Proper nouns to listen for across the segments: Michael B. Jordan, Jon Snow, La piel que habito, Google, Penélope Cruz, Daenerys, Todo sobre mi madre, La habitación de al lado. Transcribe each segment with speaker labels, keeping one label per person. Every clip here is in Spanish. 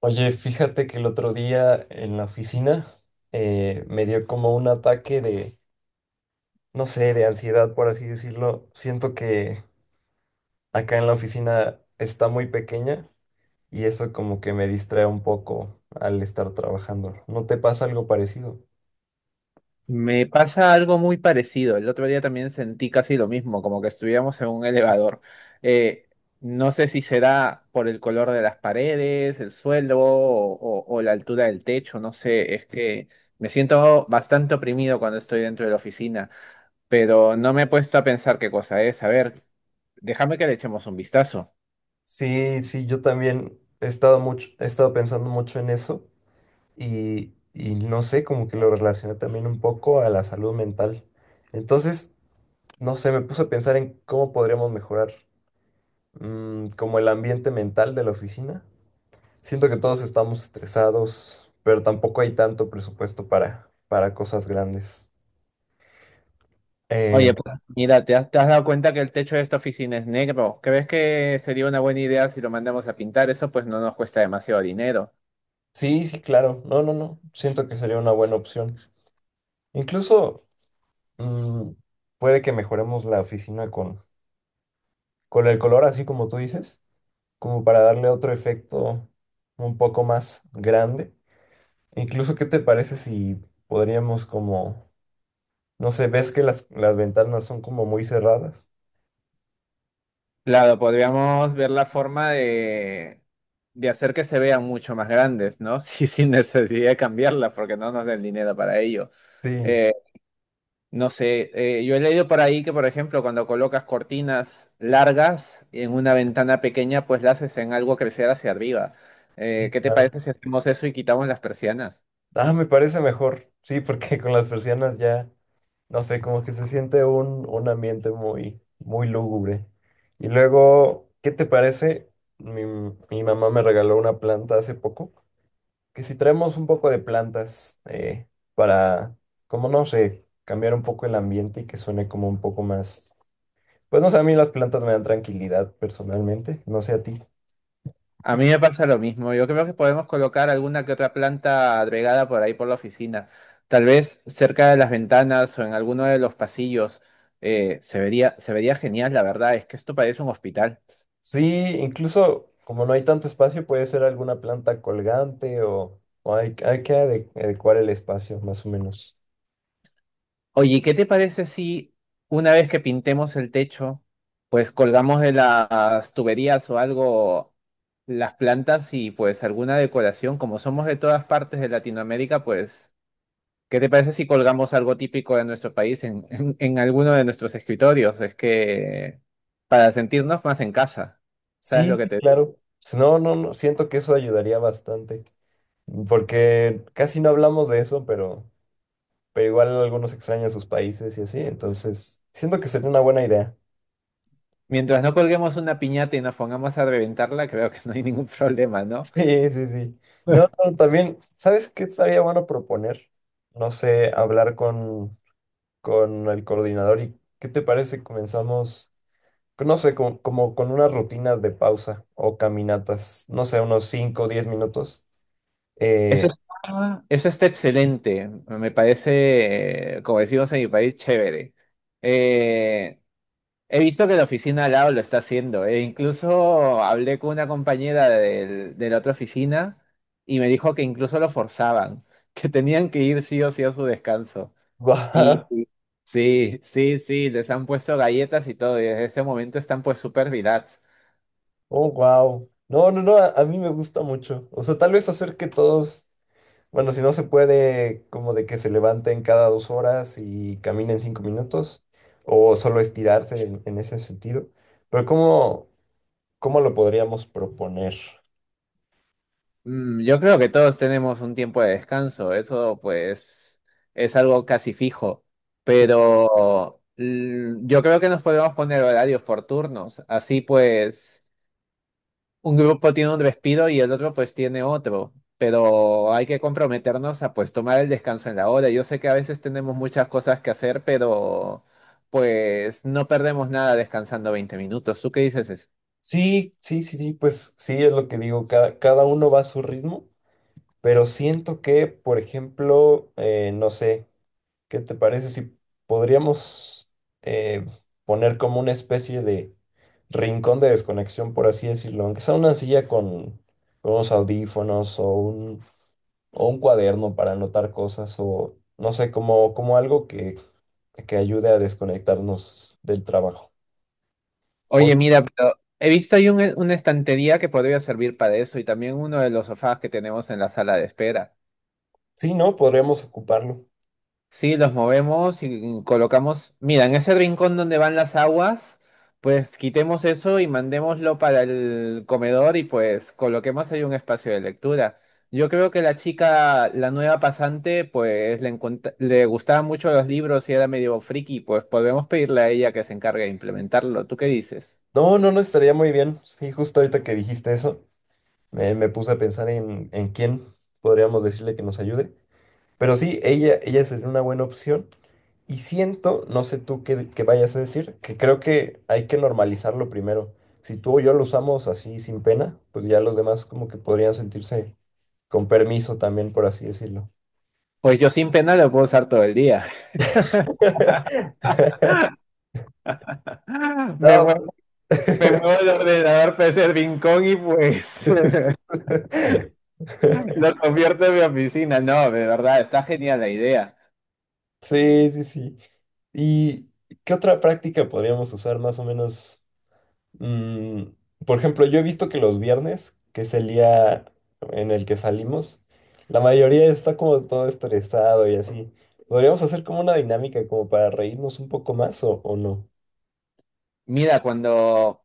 Speaker 1: Oye, fíjate que el otro día en la oficina me dio como un ataque de, no sé, de ansiedad, por así decirlo. Siento que acá en la oficina está muy pequeña y eso como que me distrae un poco al estar trabajando. ¿No te pasa algo parecido?
Speaker 2: Me pasa algo muy parecido. El otro día también sentí casi lo mismo, como que estuviéramos en un elevador. Eh, no sé si será por el color de las paredes, el suelo o la altura del techo, no sé. Es que me siento bastante oprimido cuando estoy dentro de la oficina, pero no me he puesto a pensar qué cosa es. A ver, déjame que le echemos un vistazo.
Speaker 1: Sí, sí, yo también he estado mucho, he estado pensando mucho en eso y no sé, como que lo relacioné también un poco a la salud mental. Entonces, no sé, me puse a pensar en cómo podríamos mejorar. Como el ambiente mental de la oficina. Siento que todos estamos estresados, pero tampoco hay tanto presupuesto para cosas grandes. Eh,
Speaker 2: Oye, pues mira, ¿te has dado cuenta que el techo de esta oficina es negro? ¿Crees que sería una buena idea si lo mandamos a pintar? Eso pues no nos cuesta demasiado dinero.
Speaker 1: sí, sí, claro. No, no, no. Siento que sería una buena opción. Incluso mm, puede que mejoremos la oficina con el color, así como tú dices, como para darle otro efecto un poco más grande. Incluso, ¿qué te parece si podríamos como, no sé, ves que las ventanas son como muy cerradas?
Speaker 2: Claro, podríamos ver la forma de hacer que se vean mucho más grandes, ¿no? Sí, sin necesidad de cambiarlas, porque no nos den dinero para ello.
Speaker 1: Sí,
Speaker 2: Eh, no sé, yo he leído por ahí que, por ejemplo, cuando colocas cortinas largas en una ventana pequeña, pues la haces en algo crecer hacia arriba.
Speaker 1: sí,
Speaker 2: ¿Qué te
Speaker 1: claro.
Speaker 2: parece si hacemos eso y quitamos las persianas?
Speaker 1: Ah, me parece mejor. Sí, porque con las persianas ya, no sé, como que se siente un ambiente muy, muy lúgubre. Y luego, ¿qué te parece? Mi mamá me regaló una planta hace poco, que si traemos un poco de plantas para, como no sé, cambiar un poco el ambiente y que suene como un poco más... Pues no sé, a mí las plantas me dan tranquilidad personalmente, no sé a ti.
Speaker 2: A mí me pasa lo mismo. Yo creo que podemos colocar alguna que otra planta agregada por ahí por la oficina. Tal vez cerca de las ventanas o en alguno de los pasillos. Se vería genial, la verdad. Es que esto parece un hospital.
Speaker 1: Sí, incluso como no hay tanto espacio, puede ser alguna planta colgante o hay que adecuar el espacio, más o menos.
Speaker 2: Oye, ¿y ¿qué te parece si una vez que pintemos el techo, pues colgamos de las tuberías o algo las plantas y pues alguna decoración? Como somos de todas partes de Latinoamérica, pues ¿qué te parece si colgamos algo típico de nuestro país en alguno de nuestros escritorios? Es que para sentirnos más en casa, ¿sabes lo
Speaker 1: Sí,
Speaker 2: que
Speaker 1: sí,
Speaker 2: te digo?
Speaker 1: claro. Si no, no, no, siento que eso ayudaría bastante, porque casi no hablamos de eso, pero igual algunos extrañan sus países y así, entonces siento que sería una buena idea.
Speaker 2: Mientras no colguemos una piñata y nos pongamos a reventarla, creo que no hay ningún problema, ¿no?
Speaker 1: Sí, sí, sí. No, no, también, ¿sabes qué estaría bueno proponer? No sé, hablar con el coordinador y ¿qué te parece? Si comenzamos. No sé, como, como con unas rutinas de pausa o caminatas, no sé, unos 5 o 10 minutos.
Speaker 2: Eso
Speaker 1: Eh,
Speaker 2: está, eso está excelente, me parece, como decimos en mi país, chévere. Eh, He visto que la oficina al lado lo está haciendo. E incluso hablé con una compañera de la otra oficina y me dijo que incluso lo forzaban, que tenían que ir sí o sí a su descanso. Y
Speaker 1: guau,
Speaker 2: y- sí, sí, sí, les han puesto galletas y todo, y desde ese momento están pues súper relax.
Speaker 1: oh, wow. No, no, no, a mí me gusta mucho. O sea, tal vez hacer que todos, bueno, si no se puede, como de que se levanten cada 2 horas y caminen 5 minutos, o solo estirarse en ese sentido. Pero ¿cómo, cómo lo podríamos proponer?
Speaker 2: Mm, yo creo que todos tenemos un tiempo de descanso, eso pues es algo casi fijo. Pero yo creo que nos podemos poner horarios por turnos, así pues. Un grupo tiene un respiro y el otro pues tiene otro, pero hay que comprometernos a pues tomar el descanso en la hora. Yo sé que a veces tenemos muchas cosas que hacer, pero pues no perdemos nada descansando 20 minutos. ¿Tú qué dices?
Speaker 1: Sí, sí, sí, sí, sí, pues sí, es lo que digo, cada, cada uno va a su ritmo. Pero siento que, por ejemplo, no sé, ¿qué te parece si podríamos eh, poner como una especie de rincón de desconexión, por así decirlo? Aunque sea una silla con unos audífonos o un cuaderno para anotar cosas o no sé, como, como algo que ayude a desconectarnos del trabajo. Por,
Speaker 2: Oye, mira, pero he visto ahí una estantería que podría servir para eso y también uno de los sofás que tenemos en la sala de espera.
Speaker 1: sí, ¿no? Podríamos ocuparlo.
Speaker 2: Sí, los movemos y colocamos, mira, en ese rincón donde van las aguas, pues quitemos eso y mandémoslo para el comedor y pues coloquemos ahí un espacio de lectura. Yo creo que la chica, la nueva pasante, pues le gustaban mucho los libros y era medio friki, pues podemos pedirle a ella que se encargue de implementarlo. ¿Tú qué dices?
Speaker 1: No, no, no estaría muy bien. Sí, justo ahorita que dijiste eso. Me puse a pensar en quién podríamos decirle que nos ayude. Pero sí, ella sería una buena opción. Y siento, no sé tú qué, qué vayas a decir, que creo que hay que normalizarlo primero. Si tú o yo lo usamos así sin pena, pues ya los demás como que podrían sentirse con permiso también, por así decirlo.
Speaker 2: Pues yo sin pena lo puedo usar todo el día. Me
Speaker 1: No, pues.
Speaker 2: muevo, me muevo el ordenador para ese rincón y pues lo convierto en mi oficina. No, de verdad, está genial la idea.
Speaker 1: Sí, sí, sí. ¿Y qué otra práctica podríamos usar más o menos? Mm, por ejemplo, yo he visto que los viernes, que es el día en el que salimos, la mayoría está como todo estresado y así. Podríamos hacer como una dinámica como para reírnos un poco más o no.
Speaker 2: Mira, cuando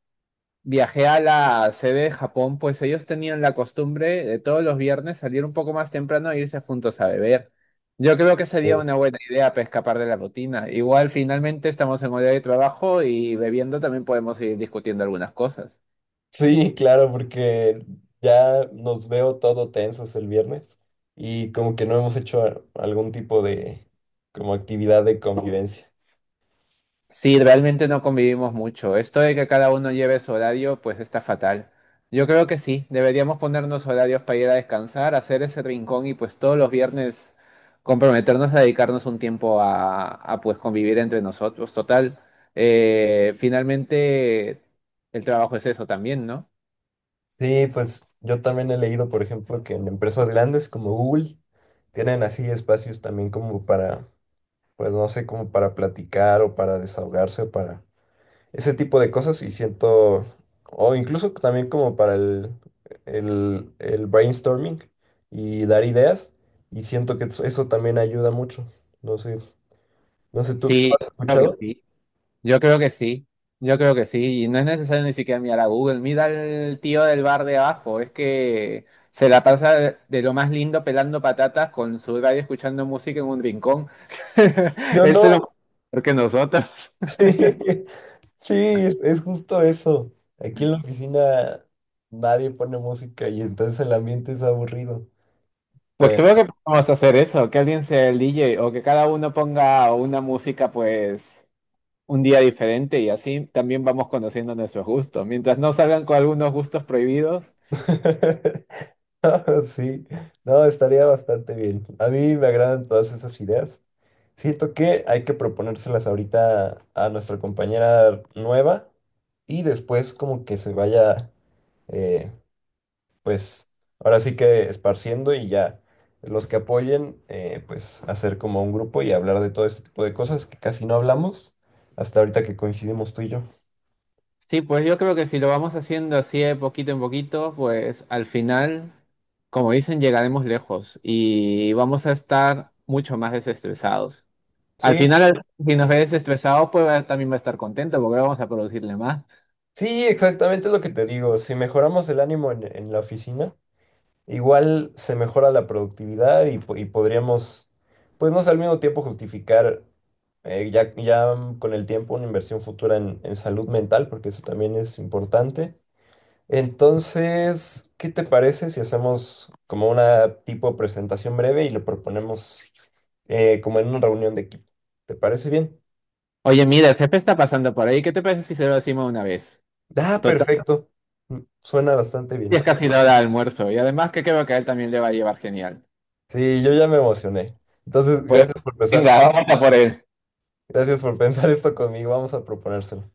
Speaker 2: viajé a la sede de Japón, pues ellos tenían la costumbre de todos los viernes salir un poco más temprano e irse juntos a beber. Yo creo que sería
Speaker 1: Eh,
Speaker 2: una buena idea para escapar de la rutina. Igual finalmente estamos en hora de trabajo y bebiendo también podemos ir discutiendo algunas cosas.
Speaker 1: sí, claro, porque ya nos veo todo tensos el viernes y como que no hemos hecho algún tipo de como actividad de convivencia.
Speaker 2: Sí, realmente no convivimos mucho. Esto de que cada uno lleve su horario, pues está fatal. Yo creo que sí, deberíamos ponernos horarios para ir a descansar, hacer ese rincón y pues todos los viernes comprometernos a dedicarnos un tiempo pues convivir entre nosotros. Total, finalmente el trabajo es eso también, ¿no?
Speaker 1: Sí, pues yo también he leído, por ejemplo, que en empresas grandes como Google tienen así espacios también como para pues no sé, como para platicar o para desahogarse o para ese tipo de cosas y siento, o incluso también como para el brainstorming y dar ideas y siento que eso también ayuda mucho. No sé, no sé, ¿tú, tú
Speaker 2: Sí,
Speaker 1: has
Speaker 2: claro que
Speaker 1: escuchado?
Speaker 2: sí. Yo creo que sí, yo creo que sí, y no es necesario ni siquiera mirar a Google, mira al tío del bar de abajo, es que se la pasa de lo más lindo pelando patatas con su radio escuchando música en un rincón.
Speaker 1: ¿Sí o
Speaker 2: Él se lo
Speaker 1: no?
Speaker 2: mueve mejor que nosotros.
Speaker 1: Sí, sí, es justo eso. Aquí en la oficina nadie pone música y entonces el ambiente es aburrido,
Speaker 2: Pues
Speaker 1: pero...
Speaker 2: creo que podemos hacer eso, que alguien sea el DJ o que cada uno ponga una música pues un día diferente y así también vamos conociendo nuestros gustos. Mientras no salgan con algunos gustos prohibidos,
Speaker 1: Sí, no, estaría bastante bien. A mí me agradan todas esas ideas. Siento que hay que proponérselas ahorita a nuestra compañera nueva y después como que se vaya, eh, pues ahora sí que esparciendo y ya los que apoyen, pues hacer como un grupo y hablar de todo este tipo de cosas que casi no hablamos hasta ahorita que coincidimos tú y yo.
Speaker 2: sí, pues yo creo que si lo vamos haciendo así de poquito en poquito, pues al final, como dicen, llegaremos lejos y vamos a estar mucho más desestresados. Al
Speaker 1: Sí,
Speaker 2: final, si nos ve desestresados, pues también va a estar contento porque vamos a producirle más.
Speaker 1: sí, exactamente lo que te digo. Si mejoramos el ánimo en la oficina. Igual se mejora la productividad y, y podríamos, pues no sé, al mismo tiempo justificar ya, ya con el tiempo una inversión futura en salud mental, porque eso también es importante. Entonces, ¿qué te parece si hacemos como una tipo presentación breve y lo proponemos como en una reunión de equipo? ¿Te parece bien?
Speaker 2: Oye, mira, el jefe está pasando por ahí. ¿Qué te parece si se lo decimos de una vez?
Speaker 1: Ah,
Speaker 2: Total,
Speaker 1: perfecto. Mm, suena bastante
Speaker 2: y es
Speaker 1: bien.
Speaker 2: casi la hora de almuerzo. Y además que creo que a él también le va a llevar genial.
Speaker 1: Sí, yo ya me emocioné. Entonces,
Speaker 2: Pues
Speaker 1: gracias por pensar,
Speaker 2: venga, vamos a por él.
Speaker 1: gracias por pensar esto conmigo. Vamos a proponérselo.